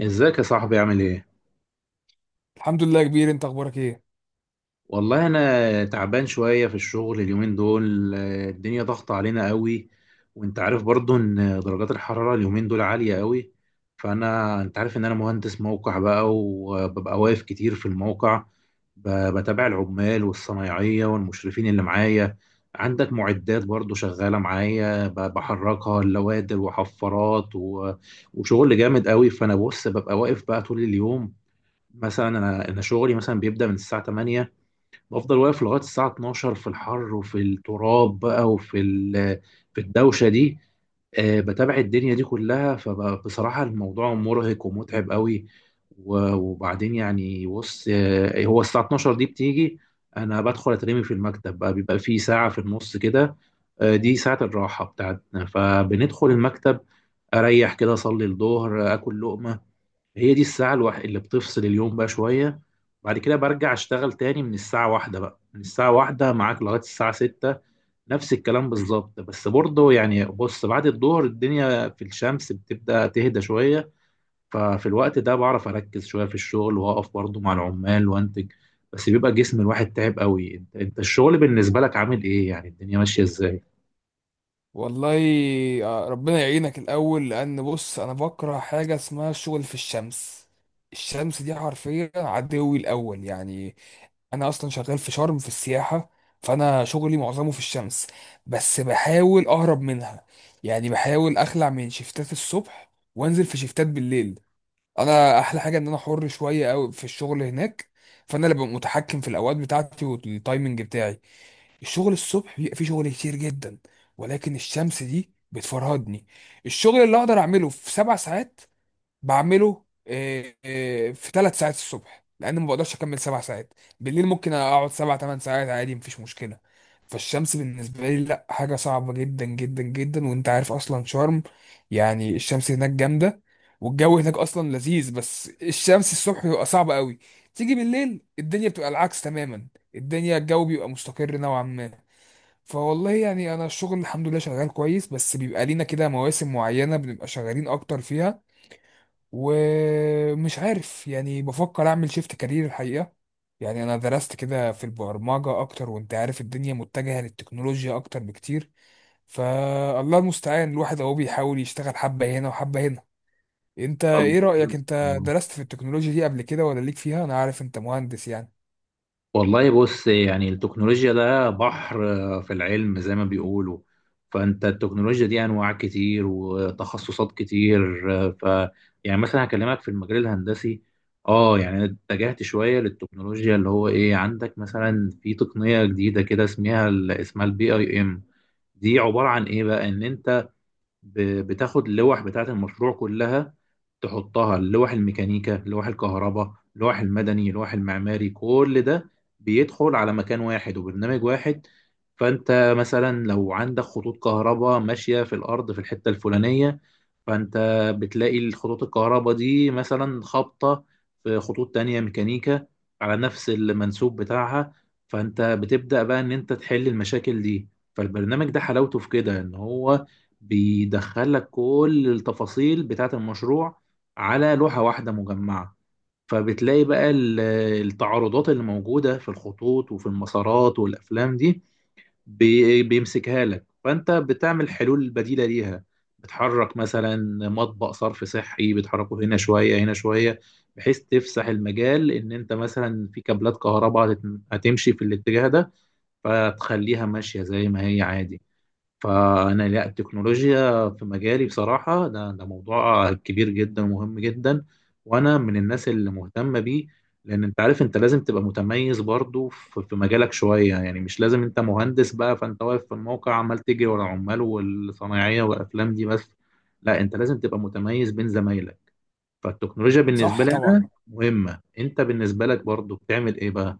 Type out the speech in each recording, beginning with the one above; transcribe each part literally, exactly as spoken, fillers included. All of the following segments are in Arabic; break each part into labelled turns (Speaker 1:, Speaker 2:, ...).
Speaker 1: ازيك يا صاحبي عامل ايه؟
Speaker 2: الحمد لله يا كبير، انت اخبارك ايه؟
Speaker 1: والله انا تعبان شوية في الشغل اليومين دول، آه، الدنيا ضغط علينا قوي. وانت عارف برضو ان درجات الحرارة اليومين دول عالية قوي. فانا انت عارف ان انا مهندس موقع بقى وببقى واقف كتير في الموقع، ب- بتابع العمال والصنايعية والمشرفين اللي معايا. عندك معدات برضو شغالة معايا، ب- بحركها، اللوادر وحفارات و- وشغل جامد قوي. فانا بص ببقى واقف بقى طول اليوم. مثلا انا انا شغلي مثلا بيبدا من الساعه ثمانية، بفضل واقف لغايه الساعه الثانية عشرة في الحر وفي التراب بقى وفي ال- في الدوشه دي. آه، بتابع الدنيا دي كلها فبصراحة الموضوع مرهق ومتعب قوي. و- وبعدين يعني بص، آه، هو الساعة الثانية عشرة دي بتيجي، أنا بدخل أترمي في المكتب بقى، بيبقى في ساعة في النص كده. آه، دي ساعة الراحة بتاعتنا فبندخل المكتب، أريح كده، أصلي الظهر، آكل لقمة. هي دي الساعة الوحيدة اللي بتفصل اليوم بقى شوية. بعد كده برجع اشتغل تاني من الساعة واحدة بقى، من الساعة واحدة معاك لغاية الساعة ستة، نفس الكلام بالظبط. بس برضه يعني بص، بعد الظهر الدنيا في الشمس بتبدأ تهدى شوية، ففي الوقت ده بعرف أركز شوية في الشغل وأقف برضه مع العمال وأنتج. بس بيبقى جسم الواحد تعب قوي. انت انت الشغل بالنسبة لك عامل ايه؟ يعني الدنيا ماشية ازاي؟
Speaker 2: والله، آه، ربنا يعينك الاول. لان بص، انا بكره حاجه اسمها الشغل في الشمس. الشمس دي حرفيا عدوي الاول يعني. انا اصلا شغال في شرم في السياحه، فانا شغلي معظمه في الشمس، بس بحاول اهرب منها. يعني بحاول اخلع من شفتات الصبح وانزل في شفتات بالليل. انا احلى حاجه ان انا حر شويه قوي في الشغل هناك، فانا اللي ببقى متحكم في الاوقات بتاعتي والتايمنج بتاعي. الشغل الصبح بيبقى فيه شغل كتير جدا، ولكن الشمس دي بتفرهدني. الشغل اللي اقدر اعمله في سبع ساعات بعمله آه، آه، في ثلاث ساعات الصبح، لان ما بقدرش اكمل سبع ساعات. بالليل ممكن اقعد سبع ثمان ساعات عادي، مفيش مشكله. فالشمس بالنسبه لي لا، حاجه صعبه جدا جدا جدا. وانت عارف اصلا شرم، يعني الشمس هناك جامده. والجو هناك اصلا لذيذ، بس الشمس الصبح بيبقى صعب قوي. تيجي بالليل الدنيا بتبقى العكس تماما، الدنيا الجو بيبقى مستقر نوعا ما. فوالله يعني انا الشغل الحمد لله شغال كويس، بس بيبقى لينا كده مواسم معينة بنبقى شغالين اكتر فيها. ومش عارف، يعني بفكر اعمل شيفت كارير الحقيقة. يعني انا درست كده في البرمجة اكتر، وانت عارف الدنيا متجهة للتكنولوجيا اكتر بكتير. فالله المستعان، الواحد اهو بيحاول يشتغل حبة هنا وحبة هنا. انت
Speaker 1: طب
Speaker 2: ايه رأيك؟ انت درست في التكنولوجيا دي قبل كده ولا ليك فيها؟ انا عارف انت مهندس يعني.
Speaker 1: والله بص يعني التكنولوجيا ده بحر، آه، في العلم زي ما بيقولوا. فانت التكنولوجيا دي انواع كتير وتخصصات كتير، آه، ف يعني مثلا هكلمك في المجال الهندسي. اه يعني اتجهت شويه للتكنولوجيا، اللي هو ايه، عندك مثلا في تقنيه جديده كده اسمها ال- اسمها البي اي ام. دي عباره عن ايه بقى؟ ان انت ب- بتاخد اللوح بتاعه المشروع كلها، تحطها لوح الميكانيكا لوح الكهرباء لوح المدني لوح المعماري، كل ده بيدخل على مكان واحد وبرنامج واحد. فانت مثلا لو عندك خطوط كهرباء ماشية في الارض في الحتة الفلانية، فانت بتلاقي الخطوط الكهرباء دي مثلا خابطة في خطوط تانية ميكانيكا على نفس المنسوب بتاعها، فانت بتبدأ بقى ان انت تحل المشاكل دي. فالبرنامج ده حلاوته في كده ان هو بيدخلك كل التفاصيل بتاعة المشروع على لوحة واحدة مجمعة. فبتلاقي بقى ال- التعارضات اللي موجودة في الخطوط وفي المسارات والأفلام دي، بي- بيمسكها لك، فانت بتعمل حلول بديله ليها. بتحرك مثلا مطبق صرف صحي، بتحركه هنا شويه هنا شويه، بحيث تفسح المجال ان انت مثلا في كابلات كهرباء هتت- هتمشي في الاتجاه ده، فتخليها ماشيه زي ما هي عادي. فانا لا، التكنولوجيا في مجالي بصراحه ده ده موضوع كبير جدا ومهم جدا، وانا من الناس اللي مهتمه بيه. لان انت عارف انت لازم تبقى متميز برضو في في مجالك شويه، يعني مش لازم انت مهندس بقى فانت واقف في الموقع عمال تجري ورا عمال والصنايعيه والافلام دي بس. لا، انت لازم تبقى متميز بين زمايلك. فالتكنولوجيا بالنسبه
Speaker 2: صح
Speaker 1: لي انا
Speaker 2: طبعا.
Speaker 1: مهمه. انت بالنسبه لك برضو بتعمل ايه بقى؟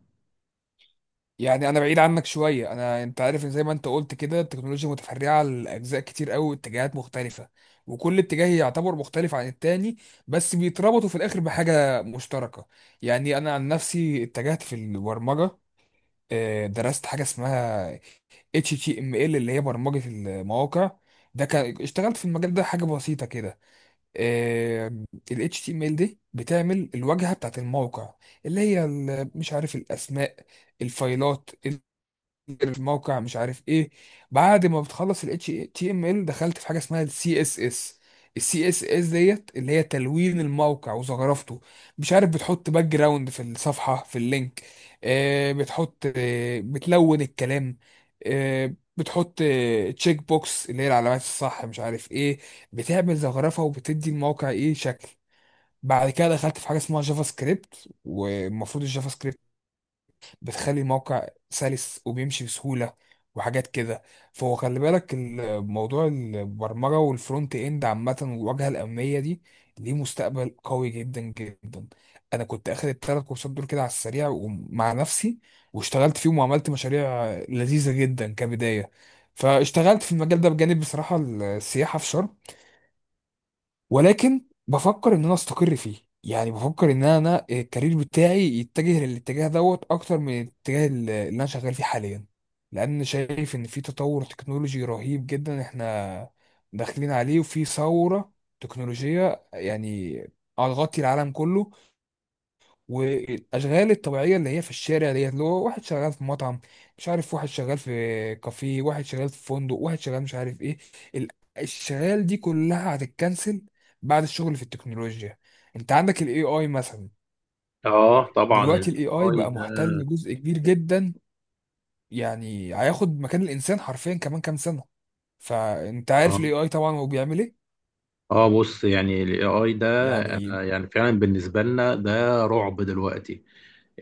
Speaker 2: يعني انا بعيد عنك شويه. انا انت عارف ان زي ما انت قلت كده، التكنولوجيا متفرعه لاجزاء كتير قوي واتجاهات مختلفه، وكل اتجاه يعتبر مختلف عن التاني، بس بيتربطوا في الاخر بحاجه مشتركه. يعني انا عن نفسي اتجهت في البرمجه. آه، درست حاجه اسمها إتش تي إم إل، اللي هي برمجه المواقع. ده كان اشتغلت في المجال ده حاجه بسيطه كده. آه، ال H T M L دي بتعمل الواجهه بتاعت الموقع، اللي هي ال- مش عارف الاسماء، الفايلات في موقع مش عارف ايه. بعد ما بتخلص ال إتش تي إم إل، دخلت في حاجه اسمها ال C S S. ال C S S ديت اللي هي تلوين الموقع وزخرفته. مش عارف، بتحط باك جراوند في الصفحه في اللينك. آه بتحط، آه بتلون الكلام، آه بتحط تشيك بوكس، اللي هي العلامات الصح مش عارف ايه. بتعمل زخرفه وبتدي الموقع ايه شكل. بعد كده دخلت في حاجه اسمها جافا سكريبت، والمفروض الجافا سكريبت بتخلي الموقع سلس وبيمشي بسهولة وحاجات كده. فهو خلي بالك، الموضوع البرمجة والفرونت اند عامة والواجهة الأمامية دي ليه مستقبل قوي جدا جدا. أنا كنت أخد التلات كورسات دول كده على السريع ومع نفسي، واشتغلت فيهم وعملت مشاريع لذيذة جدا كبداية. فاشتغلت في المجال ده بجانب بصراحة السياحة في شرم، ولكن بفكر ان انا استقر فيه. يعني بفكر ان انا الكارير بتاعي يتجه للاتجاه دوت اكتر من الاتجاه اللي انا شغال فيه حاليا، لان شايف ان في تطور تكنولوجي رهيب جدا احنا داخلين عليه، وفي ثورة تكنولوجية يعني هتغطي العالم كله. والاشغال الطبيعيه اللي هي في الشارع ديت، اللي هو واحد شغال في مطعم، مش عارف، واحد شغال في كافيه، واحد شغال في فندق، واحد شغال مش عارف ايه، ال- الشغال دي كلها هتتكنسل بعد الشغل في التكنولوجيا. انت عندك الاي اي مثلا.
Speaker 1: اه طبعا
Speaker 2: دلوقتي
Speaker 1: الاي
Speaker 2: الاي اي
Speaker 1: اي
Speaker 2: بقى محتل جزء كبير جدا، يعني هياخد مكان الانسان حرفيا كمان كام سنه. فانت
Speaker 1: ده.
Speaker 2: عارف الاي اي طبعا هو بيعمل ايه.
Speaker 1: اه بص يعني الاي اي ده،
Speaker 2: يعني
Speaker 1: انا يعني فعلا بالنسبه لنا ده رعب دلوقتي.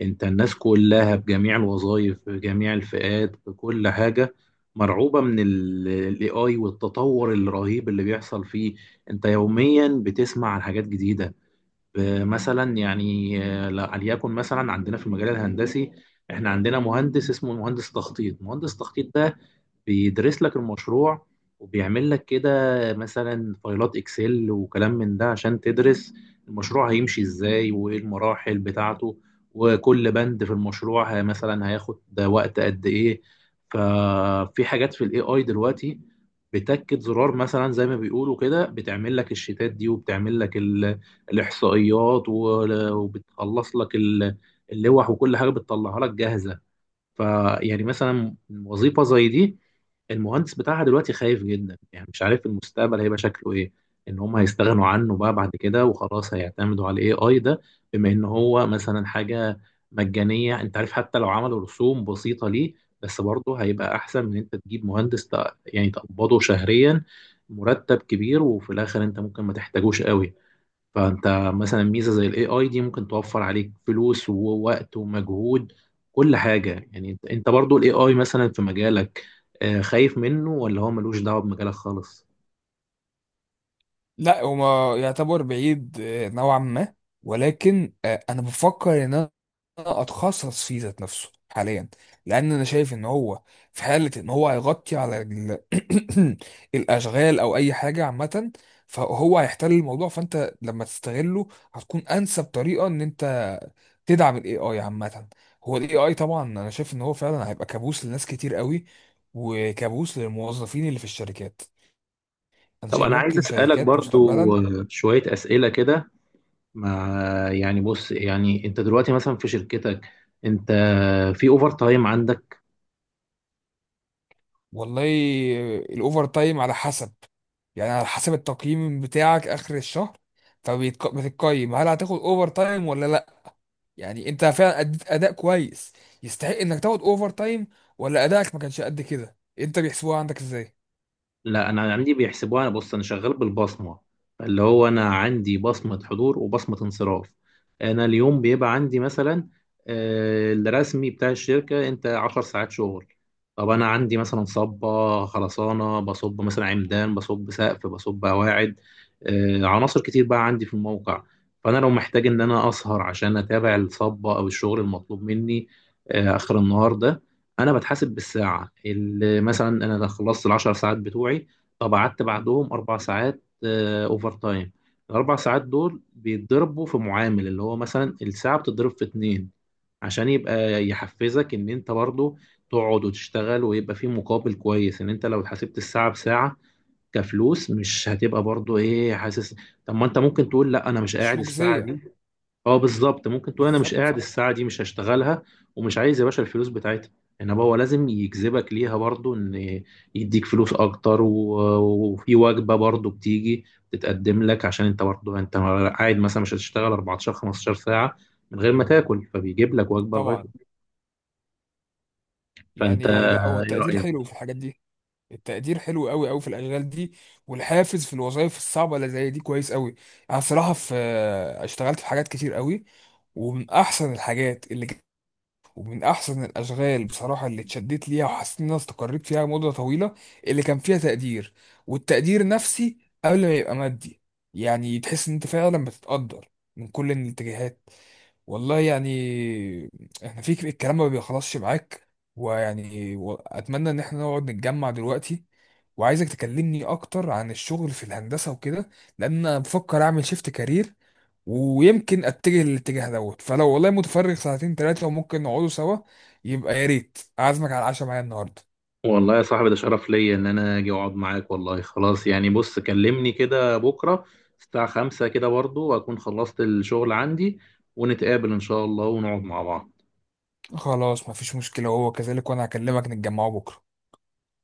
Speaker 1: انت الناس كلها بجميع الوظائف بجميع الفئات بكل حاجه مرعوبه من الاي اي والتطور الرهيب اللي بيحصل فيه. انت يوميا بتسمع عن حاجات جديده. آه، مثلا يعني آه، لا- ليكن مثلا عندنا في المجال الهندسي، احنا عندنا مهندس اسمه مهندس تخطيط. مهندس تخطيط ده بيدرس لك المشروع، وبيعمل لك كده مثلا فايلات اكسل وكلام من ده، عشان تدرس المشروع هيمشي ازاي وايه المراحل بتاعته، وكل بند في المشروع ه- مثلا هياخد ده وقت قد ايه. ففي حاجات في الاي اي دلوقتي بتاكد زرار مثلا زي ما بيقولوا كده، بتعمل لك الشيتات دي، وبتعمل لك ال- الاحصائيات، و- وبتخلص لك ال- اللوح، وكل حاجه بتطلعها لك جاهزه. فيعني مثلا وظيفة زي دي، المهندس بتاعها دلوقتي خايف جدا، يعني مش عارف المستقبل هيبقى شكله ايه، ان هم هيستغنوا عنه بقى بعد كده وخلاص هيعتمدوا على الاي اي ده، بما ان هو مثلا حاجة مجانية. انت عارف حتى لو عملوا رسوم بسيطة ليه، بس برضه هيبقى احسن من انت تجيب مهندس تق- يعني تقبضه شهريا مرتب كبير، وفي الاخر انت ممكن ما تحتاجوش قوي. فانت مثلا ميزه زي الاي اي دي ممكن توفر عليك فلوس ووقت ومجهود، كل حاجه. يعني انت انت برضو الاي اي مثلا في مجالك، آه، خايف منه ولا هو ملوش دعوه بمجالك خالص؟
Speaker 2: لا، هو ما يعتبر بعيد، آه، نوعا ما. ولكن آه، انا بفكر ان انا اتخصص فيه ذات نفسه حاليا، لان انا شايف ان هو في حاله ان هو هيغطي على ال- الاشغال او اي حاجه عامه. فهو هيحتل الموضوع، فانت لما تستغله هتكون انسب طريقه ان انت تدعم الاي اي عامه. هو الاي اي طبعا انا شايف ان هو فعلا هيبقى كابوس لناس كتير قوي، وكابوس للموظفين اللي في الشركات. انا
Speaker 1: طب
Speaker 2: شايف
Speaker 1: انا عايز
Speaker 2: ممكن
Speaker 1: اسالك
Speaker 2: شركات
Speaker 1: برضو
Speaker 2: مستقبلا.
Speaker 1: آه، شويه اسئله كده. مع، يعني بص يعني انت دلوقتي مثلا في شركتك، انت في اوفر تايم عندك؟
Speaker 2: والله، الاوفر تايم على حسب. يعني على حسب التقييم بتاعك اخر الشهر، فبتقيم هل هتاخد اوفر تايم ولا لا. يعني انت فعلا اديت اداء كويس يستحق انك تاخد اوفر تايم، ولا ادائك ما كانش قد كده؟ انت بيحسبوها عندك ازاي؟
Speaker 1: لا انا عندي بيحسبوها. انا بص انا شغال بالبصمه، اللي هو انا عندي بصمه حضور وبصمه انصراف. انا اليوم بيبقى عندي مثلا آه، الرسمي بتاع الشركه انت عشر ساعات شغل. طب انا عندي مثلا صبه خرسانه، بصب مثلا عمدان، بصب سقف، بصب قواعد، آه، عناصر كتير بقى عندي في الموقع. فانا لو محتاج ان انا اسهر عشان اتابع الصبه او الشغل المطلوب مني آه، اخر النهار ده، انا بتحاسب بالساعه. اللي مثلا انا لو خلصت العشر ساعات بتوعي، طب قعدت بعدهم اربع ساعات، آه، اوفر تايم، الاربع ساعات دول بيتضربوا في معامل، اللي هو مثلا الساعه بتضرب في اتنين، عشان يبقى يحفزك ان انت برضو تقعد وتشتغل ويبقى في مقابل كويس. ان انت لو حسبت الساعه بساعه كفلوس مش هتبقى برضو ايه، حاسس؟ طب ما انت ممكن تقول لا انا مش
Speaker 2: مش
Speaker 1: قاعد الساعه
Speaker 2: مجزية.
Speaker 1: دي. اه بالظبط، ممكن تقول انا مش
Speaker 2: بالظبط.
Speaker 1: قاعد الساعه دي، مش هشتغلها، ومش عايز يا باشا الفلوس بتاعتها. انما هو لازم يجذبك ليها برضو، ان يديك فلوس اكتر، و- وفي وجبه برضو بتيجي تتقدم لك، عشان انت برضو انت قاعد مثلا مش هتشتغل اربعتاشر خمستاشر ساعه من غير ما تاكل، فبيجيب لك وجبه لغايه.
Speaker 2: طبعا.
Speaker 1: فانت
Speaker 2: يعني لا، هو
Speaker 1: ايه
Speaker 2: التقدير
Speaker 1: رايك؟
Speaker 2: حلو في الحاجات دي. التقدير حلو قوي قوي في الاشغال دي، والحافز في الوظائف الصعبه اللي زي دي كويس قوي. انا صراحه في اشتغلت في حاجات كتير قوي، ومن احسن الحاجات اللي ج- ومن احسن الاشغال بصراحه اللي اتشدت ليها وحسيت ان انا استقريت فيها مده طويله، اللي كان فيها تقدير. والتقدير نفسي قبل ما يبقى مادي، يعني تحس ان انت فعلا بتتقدر من كل الاتجاهات. والله يعني احنا في ك- الكلام ما بيخلصش معاك. ويعني و- اتمنى ان احنا نقعد نتجمع دلوقتي، وعايزك تكلمني اكتر عن الشغل في الهندسة وكده، لان انا بفكر اعمل شيفت كارير ويمكن اتجه للاتجاه دوت. فلو والله متفرغ ساعتين ثلاثة وممكن نقعدوا سوا، يبقى يا ريت اعزمك على العشاء معايا النهاردة.
Speaker 1: والله يا صاحبي ده شرف ليا ان انا اجي اقعد معاك. والله خلاص يعني بص، كلمني كده بكره الساعة خمسة كده برضو، واكون خلصت الشغل عندي، ونتقابل ان شاء الله ونقعد مع بعض.
Speaker 2: خلاص، مفيش مشكلة، وهو كذلك، وانا هكلمك نتجمعوا بكرة.